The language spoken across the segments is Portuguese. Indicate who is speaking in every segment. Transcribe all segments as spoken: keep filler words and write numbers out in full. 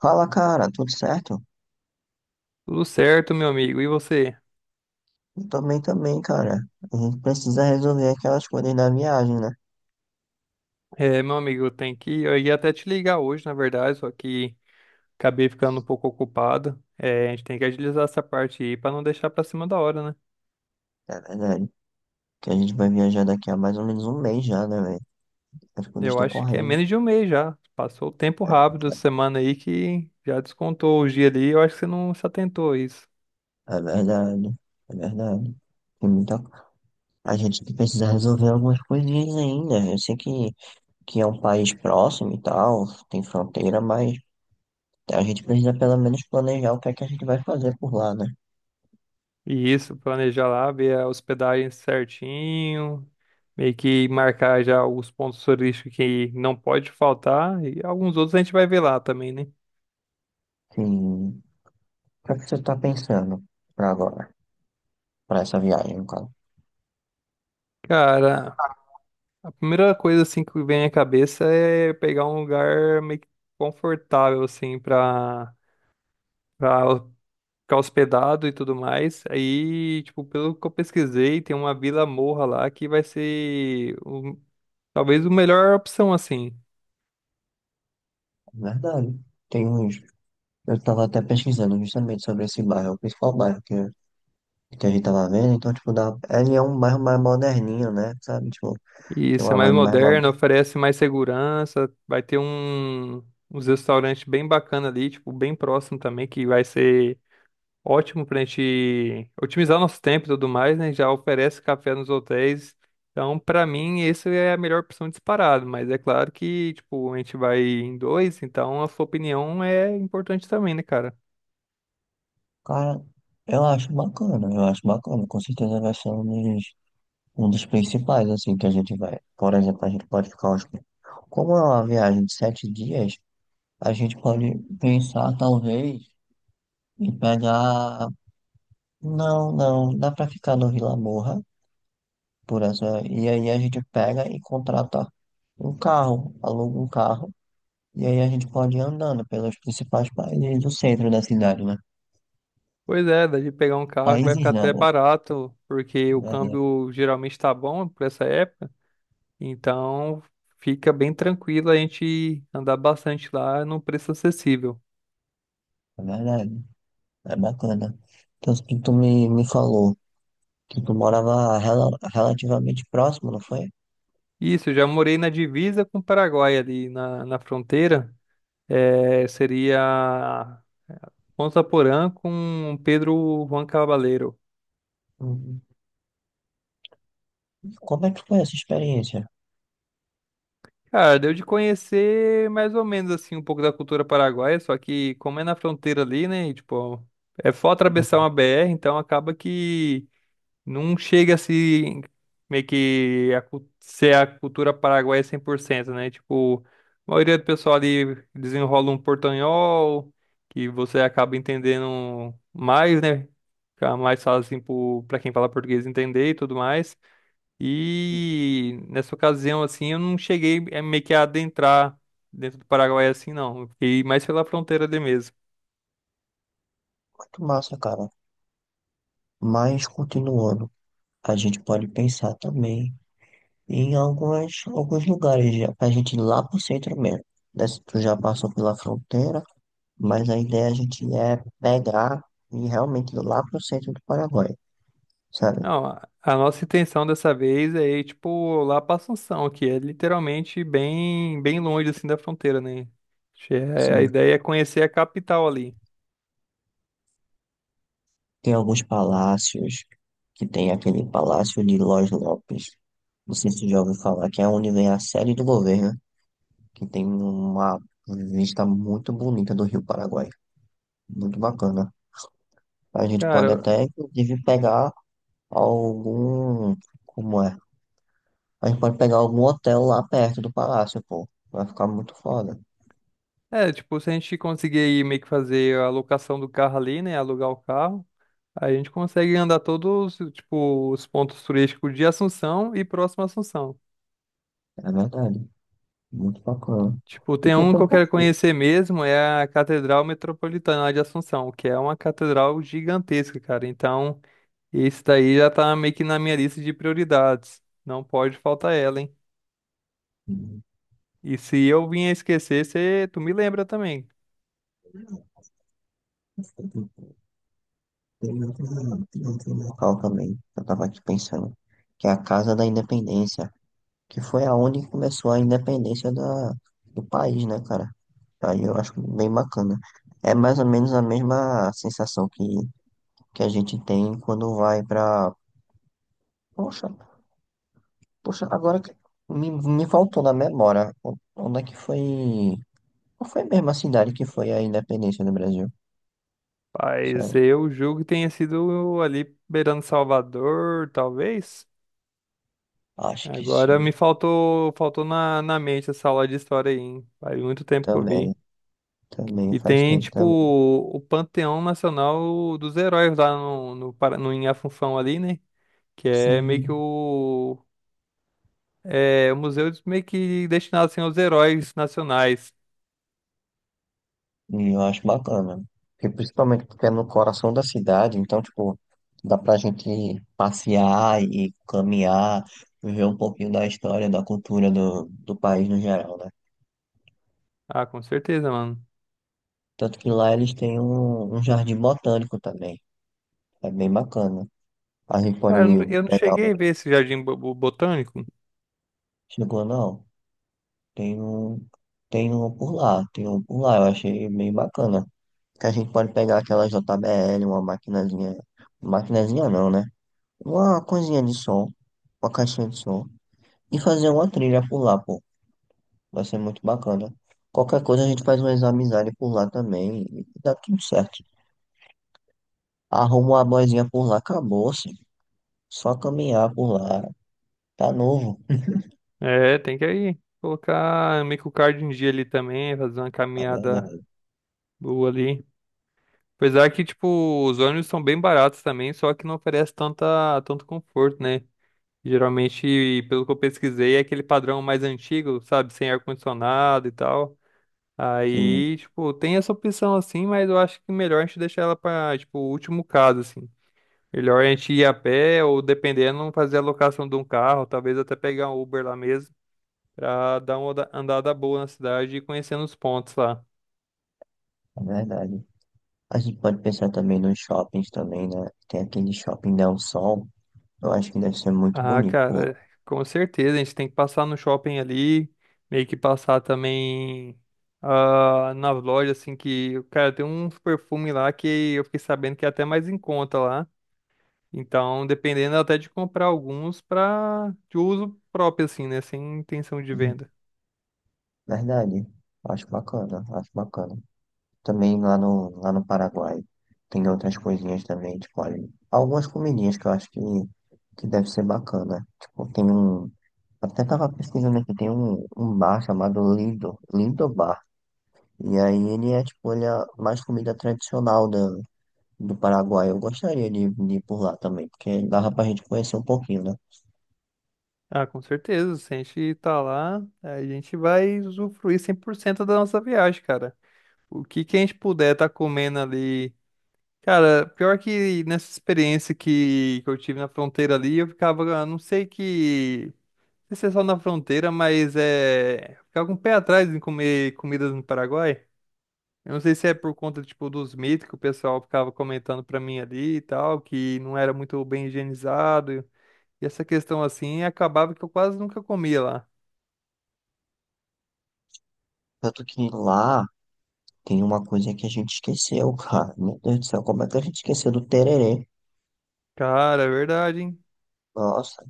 Speaker 1: Fala, cara, tudo certo?
Speaker 2: Tudo certo, meu amigo. E você?
Speaker 1: Eu também, também, cara. A gente precisa resolver aquelas coisas da viagem, né?
Speaker 2: É, meu amigo, eu tenho que. Eu ia até te ligar hoje, na verdade, só que acabei ficando um pouco ocupado. É, a gente tem que agilizar essa parte aí pra não deixar pra cima da hora, né?
Speaker 1: É verdade. Que a gente vai viajar daqui a mais ou menos um mês já, né, velho? As coisas
Speaker 2: Eu
Speaker 1: estão
Speaker 2: acho que é
Speaker 1: correndo.
Speaker 2: menos de um mês já. Passou o tempo
Speaker 1: É
Speaker 2: rápido essa semana aí que já descontou o dia ali. Eu acho que você não se atentou a isso.
Speaker 1: é verdade, é verdade. Tem muita... A gente precisa resolver algumas coisinhas ainda. Eu sei que, que é um país próximo e tal, tem fronteira, mas a gente precisa pelo menos planejar o que é que a gente vai fazer por lá, né?
Speaker 2: E isso, planejar lá, ver a hospedagem certinho, meio que marcar já os pontos turísticos que não pode faltar. E alguns outros a gente vai ver lá também, né?
Speaker 1: Sim. O que é que você tá pensando pra agora? Pra essa viagem, no caso?
Speaker 2: Cara. A primeira coisa assim que vem à cabeça é pegar um lugar meio que confortável assim para para ficar hospedado e tudo mais. Aí, tipo, pelo que eu pesquisei, tem uma Vila Morra lá que vai ser o- talvez a melhor opção assim.
Speaker 1: Verdade. Tem uns. Eu tava até pesquisando justamente sobre esse bairro, o principal bairro que, que a gente tava vendo. Então, tipo, dá... ele é um bairro mais moderninho, né? Sabe? Tipo,
Speaker 2: E
Speaker 1: tem
Speaker 2: isso é
Speaker 1: uma
Speaker 2: mais
Speaker 1: vibe mais
Speaker 2: moderno,
Speaker 1: moderna.
Speaker 2: oferece mais segurança, vai ter um uns restaurantes bem bacana ali, tipo, bem próximo também que vai ser ótimo pra gente otimizar nosso tempo e tudo mais, né? Já oferece café nos hotéis. Então, pra mim, essa é a melhor opção disparado, mas é claro que, tipo, a gente vai em dois, então a sua opinião é importante também, né, cara?
Speaker 1: Cara, eu acho bacana, eu acho bacana. Com certeza vai ser um dos, um dos principais, assim, que a gente vai. Por exemplo, a gente pode ficar uns. Como é uma viagem de sete dias, a gente pode pensar, talvez, em pegar. Não, não, dá pra ficar no Vila Morra. Por essa. E aí a gente pega e contrata um carro, aluga um carro, e aí a gente pode ir andando pelos principais países do centro da cidade, né?
Speaker 2: Pois é, dá de pegar um carro que vai
Speaker 1: Países
Speaker 2: ficar até
Speaker 1: não,
Speaker 2: barato, porque
Speaker 1: é
Speaker 2: o
Speaker 1: verdade.
Speaker 2: câmbio geralmente tá bom por essa época, então fica bem tranquilo a gente andar bastante lá num preço acessível.
Speaker 1: É verdade. É bacana. Então, tu tu me, me falou que tu morava rela- relativamente próximo, não foi?
Speaker 2: Isso, eu já morei na divisa com o Paraguai ali na, na fronteira. É, seria Ponta Porã com Pedro Juan Cabaleiro.
Speaker 1: Uhum. Como é que foi essa experiência?
Speaker 2: Cara, deu de conhecer mais ou menos assim um pouco da cultura paraguaia, só que como é na fronteira ali, né? E, tipo, é só atravessar
Speaker 1: Uhum.
Speaker 2: uma B R, então acaba que não chega assim, meio que a, cu- ser a cultura paraguaia cem por cento, né? Tipo, a maioria do pessoal ali desenrola um portanhol, que você acaba entendendo mais, né? Fica mais fácil, assim, pro- pra quem fala português entender e tudo mais. E nessa ocasião, assim, eu não cheguei eh, meio que a adentrar dentro do Paraguai assim, não. Eu fiquei mais pela fronteira ali mesmo.
Speaker 1: Muito massa, cara. Mas, continuando, a gente pode pensar também em algumas, alguns lugares, já, pra gente ir lá pro centro mesmo. Desce- Tu já passou pela fronteira, mas a ideia a gente é pegar e realmente ir lá pro centro do Paraguai, sabe?
Speaker 2: Não, a a nossa intenção dessa vez é ir, tipo, lá pra Assunção, que é literalmente bem, bem longe, assim, da fronteira, né? Acho que é- a
Speaker 1: Sim,
Speaker 2: ideia é conhecer a capital ali.
Speaker 1: tem alguns palácios, que tem aquele Palácio de Los Lopes. Não sei se você já ouviu falar, que é onde vem a sede do governo, que tem uma vista muito bonita do Rio Paraguai. Muito bacana. A gente pode
Speaker 2: Cara,
Speaker 1: até, inclusive, pegar algum. Como é? A gente pode pegar algum hotel lá perto do palácio, pô. Vai ficar muito foda.
Speaker 2: é, tipo, se a gente conseguir aí meio que fazer a locação do carro ali, né? Alugar o carro, aí a gente consegue andar todos, tipo, os pontos turísticos de Assunção e próximo a Assunção.
Speaker 1: É verdade. Muito bacana.
Speaker 2: Tipo,
Speaker 1: E
Speaker 2: tem
Speaker 1: tem
Speaker 2: um que eu
Speaker 1: tanto
Speaker 2: quero
Speaker 1: passeio,
Speaker 2: conhecer mesmo, é a Catedral Metropolitana de Assunção, que é uma catedral gigantesca, cara. Então. Esse daí já tá meio que na minha lista de prioridades. Não pode faltar ela, hein?
Speaker 1: né?
Speaker 2: E se eu vinha esquecer, cê, tu me lembra também.
Speaker 1: Tem outro, tem outro local também, que eu tava aqui pensando, que é a Casa da Independência, que foi aonde começou a independência da, do país, né, cara? Aí eu acho bem bacana. É mais ou menos a mesma sensação que, que a gente tem quando vai pra, poxa, poxa, agora que me, me faltou na memória, o- onde é que foi? Qual foi mesmo a cidade que foi a independência do Brasil?
Speaker 2: Mas
Speaker 1: Sério?
Speaker 2: eu julgo que tenha sido ali beirando Salvador, talvez.
Speaker 1: Acho que
Speaker 2: Agora
Speaker 1: sim.
Speaker 2: me faltou, faltou na, na mente essa aula de história aí, hein? Faz muito tempo que eu
Speaker 1: Também,
Speaker 2: vi.
Speaker 1: também,
Speaker 2: E
Speaker 1: faz
Speaker 2: tem,
Speaker 1: tempo
Speaker 2: tipo,
Speaker 1: também.
Speaker 2: o Panteão Nacional dos Heróis lá no, no, Para- no, em Afunfão ali, né? Que é meio
Speaker 1: Sim.
Speaker 2: que o É, o museu meio que destinado assim, aos heróis nacionais.
Speaker 1: E eu acho bacana. Porque principalmente porque é no coração da cidade, então, tipo, dá pra gente passear e caminhar, ver um pouquinho da história, da cultura do, do país no geral, né?
Speaker 2: Ah, com certeza, mano.
Speaker 1: Tanto que lá eles têm um, um jardim botânico também. É bem bacana. A gente pode
Speaker 2: Cara, eu não, eu não
Speaker 1: pegar
Speaker 2: cheguei a ver
Speaker 1: o.
Speaker 2: esse jardim bo- bo- botânico.
Speaker 1: Chegou, não. Tem um, tem um por lá, tem um por lá, eu achei bem bacana. Que a gente pode pegar aquela J B L, uma maquinazinha, maquinazinha não, né? Uma coisinha de som, uma caixinha de som, e fazer uma trilha por lá, pô. Vai ser muito bacana. Qualquer coisa a gente faz umas amizades por lá também, e dá tudo certo. Arruma uma boizinha por lá, acabou-se. Só caminhar por lá, tá novo.
Speaker 2: É, tem que aí colocar meio que o card em dia ali também, fazer uma
Speaker 1: É
Speaker 2: caminhada
Speaker 1: verdade,
Speaker 2: boa ali. Apesar que, tipo, os ônibus são bem baratos também, só que não oferece tanta, tanto conforto, né? Geralmente, pelo que eu pesquisei, é aquele padrão mais antigo, sabe? Sem ar-condicionado e tal.
Speaker 1: sim,
Speaker 2: Aí, tipo, tem essa opção assim, mas eu acho que melhor a gente deixar ela pra, tipo, o último caso, assim. Melhor a gente ir a pé ou, dependendo, fazer a locação de um carro, talvez até pegar um Uber lá mesmo, pra dar uma oda- andada boa na cidade e conhecendo os pontos lá.
Speaker 1: é verdade. A gente pode pensar também nos shoppings também, né? Tem aquele shopping Del Sol. Eu acho que deve ser muito
Speaker 2: Ah,
Speaker 1: bonito por lá.
Speaker 2: cara, com certeza, a gente tem que passar no shopping ali, meio que passar também ah, nas lojas, assim, que, cara, tem uns perfumes lá que eu fiquei sabendo que é até mais em conta lá. Então, dependendo até de comprar alguns para de uso próprio, assim, né? Sem intenção de
Speaker 1: Hum.
Speaker 2: venda.
Speaker 1: Verdade. Acho bacana, acho bacana. Também lá no, lá no Paraguai tem outras coisinhas também, tipo, olha, algumas comidinhas que eu acho que, que deve ser bacana. Tipo, tem um. Até tava pesquisando aqui, tem um, um bar chamado Lindo, Lindo Bar. E aí ele é tipo, ele é mais comida tradicional da do Paraguai. Eu gostaria de, de ir por lá também, porque dava pra gente conhecer um pouquinho, né?
Speaker 2: Ah, com certeza. Se a gente tá lá, a gente vai usufruir cem por cento da nossa viagem, cara. O que que a gente puder tá comendo ali. Cara, pior que nessa experiência que, que eu tive na fronteira ali, eu ficava, ah, não sei que. Não sei se é só na fronteira, mas é. Ficava com o pé atrás em comer comidas no Paraguai. Eu não sei se é por conta, tipo, dos mitos que o pessoal ficava comentando pra mim ali e tal, que não era muito bem higienizado. E essa questão assim, acabava que eu quase nunca comia lá.
Speaker 1: Tanto que lá tem uma coisa que a gente esqueceu, cara. Meu Deus do céu, como é que a gente esqueceu do tererê?
Speaker 2: Cara, é verdade, hein?
Speaker 1: Nossa,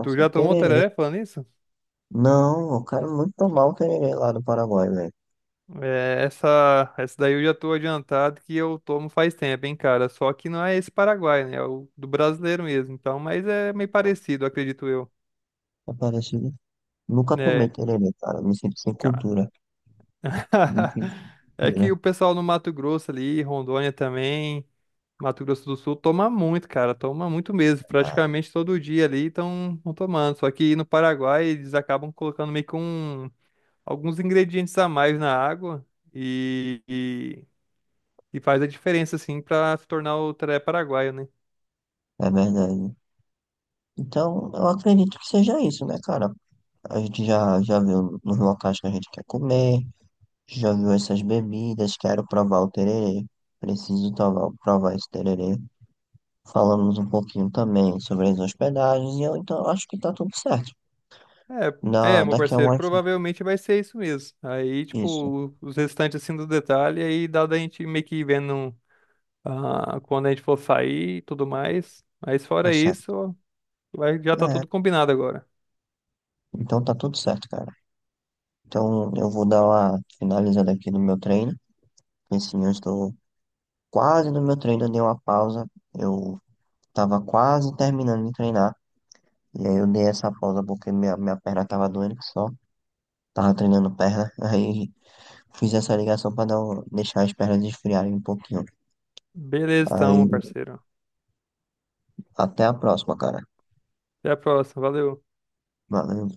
Speaker 2: Tu já tomou
Speaker 1: tererê.
Speaker 2: tereré falando isso?
Speaker 1: Não, eu quero muito tomar o tererê lá do Paraguai, velho.
Speaker 2: É, essa, essa daí eu já tô adiantado que eu tomo faz tempo, hein, cara? Só que não é esse Paraguai, né? É o do brasileiro mesmo. Então, mas é meio parecido, acredito eu.
Speaker 1: É parecido. Nunca tomei
Speaker 2: É.
Speaker 1: tererê, cara. Me sinto sem
Speaker 2: Cara.
Speaker 1: cultura. Me sinto sem
Speaker 2: É que
Speaker 1: cultura.
Speaker 2: o pessoal no Mato Grosso ali, Rondônia também, Mato Grosso do Sul, toma muito, cara, toma muito mesmo.
Speaker 1: É,
Speaker 2: Praticamente todo dia ali estão tomando. Só que no Paraguai eles acabam colocando meio que um, alguns ingredientes a mais na água e, e, e faz a diferença, assim, pra se tornar o teré paraguaio, né?
Speaker 1: é verdade. Então, eu acredito que seja isso, né, cara? A gente já, já viu nos locais que a gente quer comer. Já viu essas bebidas? Quero provar o tererê. Preciso provar, provar esse tererê. Falamos um pouquinho também sobre as hospedagens e eu então acho que tá tudo certo.
Speaker 2: É,
Speaker 1: Na,
Speaker 2: é, meu
Speaker 1: daqui a
Speaker 2: parceiro,
Speaker 1: umas.
Speaker 2: provavelmente vai ser isso mesmo. Aí,
Speaker 1: Isso,
Speaker 2: tipo, os restantes, assim, do detalhe, aí dá da gente meio que ir vendo. Ah, quando a gente for sair e tudo mais. Mas
Speaker 1: tá
Speaker 2: fora
Speaker 1: certo.
Speaker 2: isso, vai, já tá
Speaker 1: É,
Speaker 2: tudo combinado agora.
Speaker 1: então tá tudo certo, cara. Então eu vou dar uma finalizada aqui no meu treino. Porque assim, eu estou quase no meu treino, eu dei uma pausa. Eu tava quase terminando de treinar. E aí eu dei essa pausa porque minha, minha perna tava doendo que só. Tava treinando perna. Aí. Fiz essa ligação para não deixar as pernas esfriarem um pouquinho.
Speaker 2: Beleza, então, meu
Speaker 1: Aí,
Speaker 2: parceiro.
Speaker 1: até a próxima, cara.
Speaker 2: Até a próxima. Valeu.
Speaker 1: Valeu.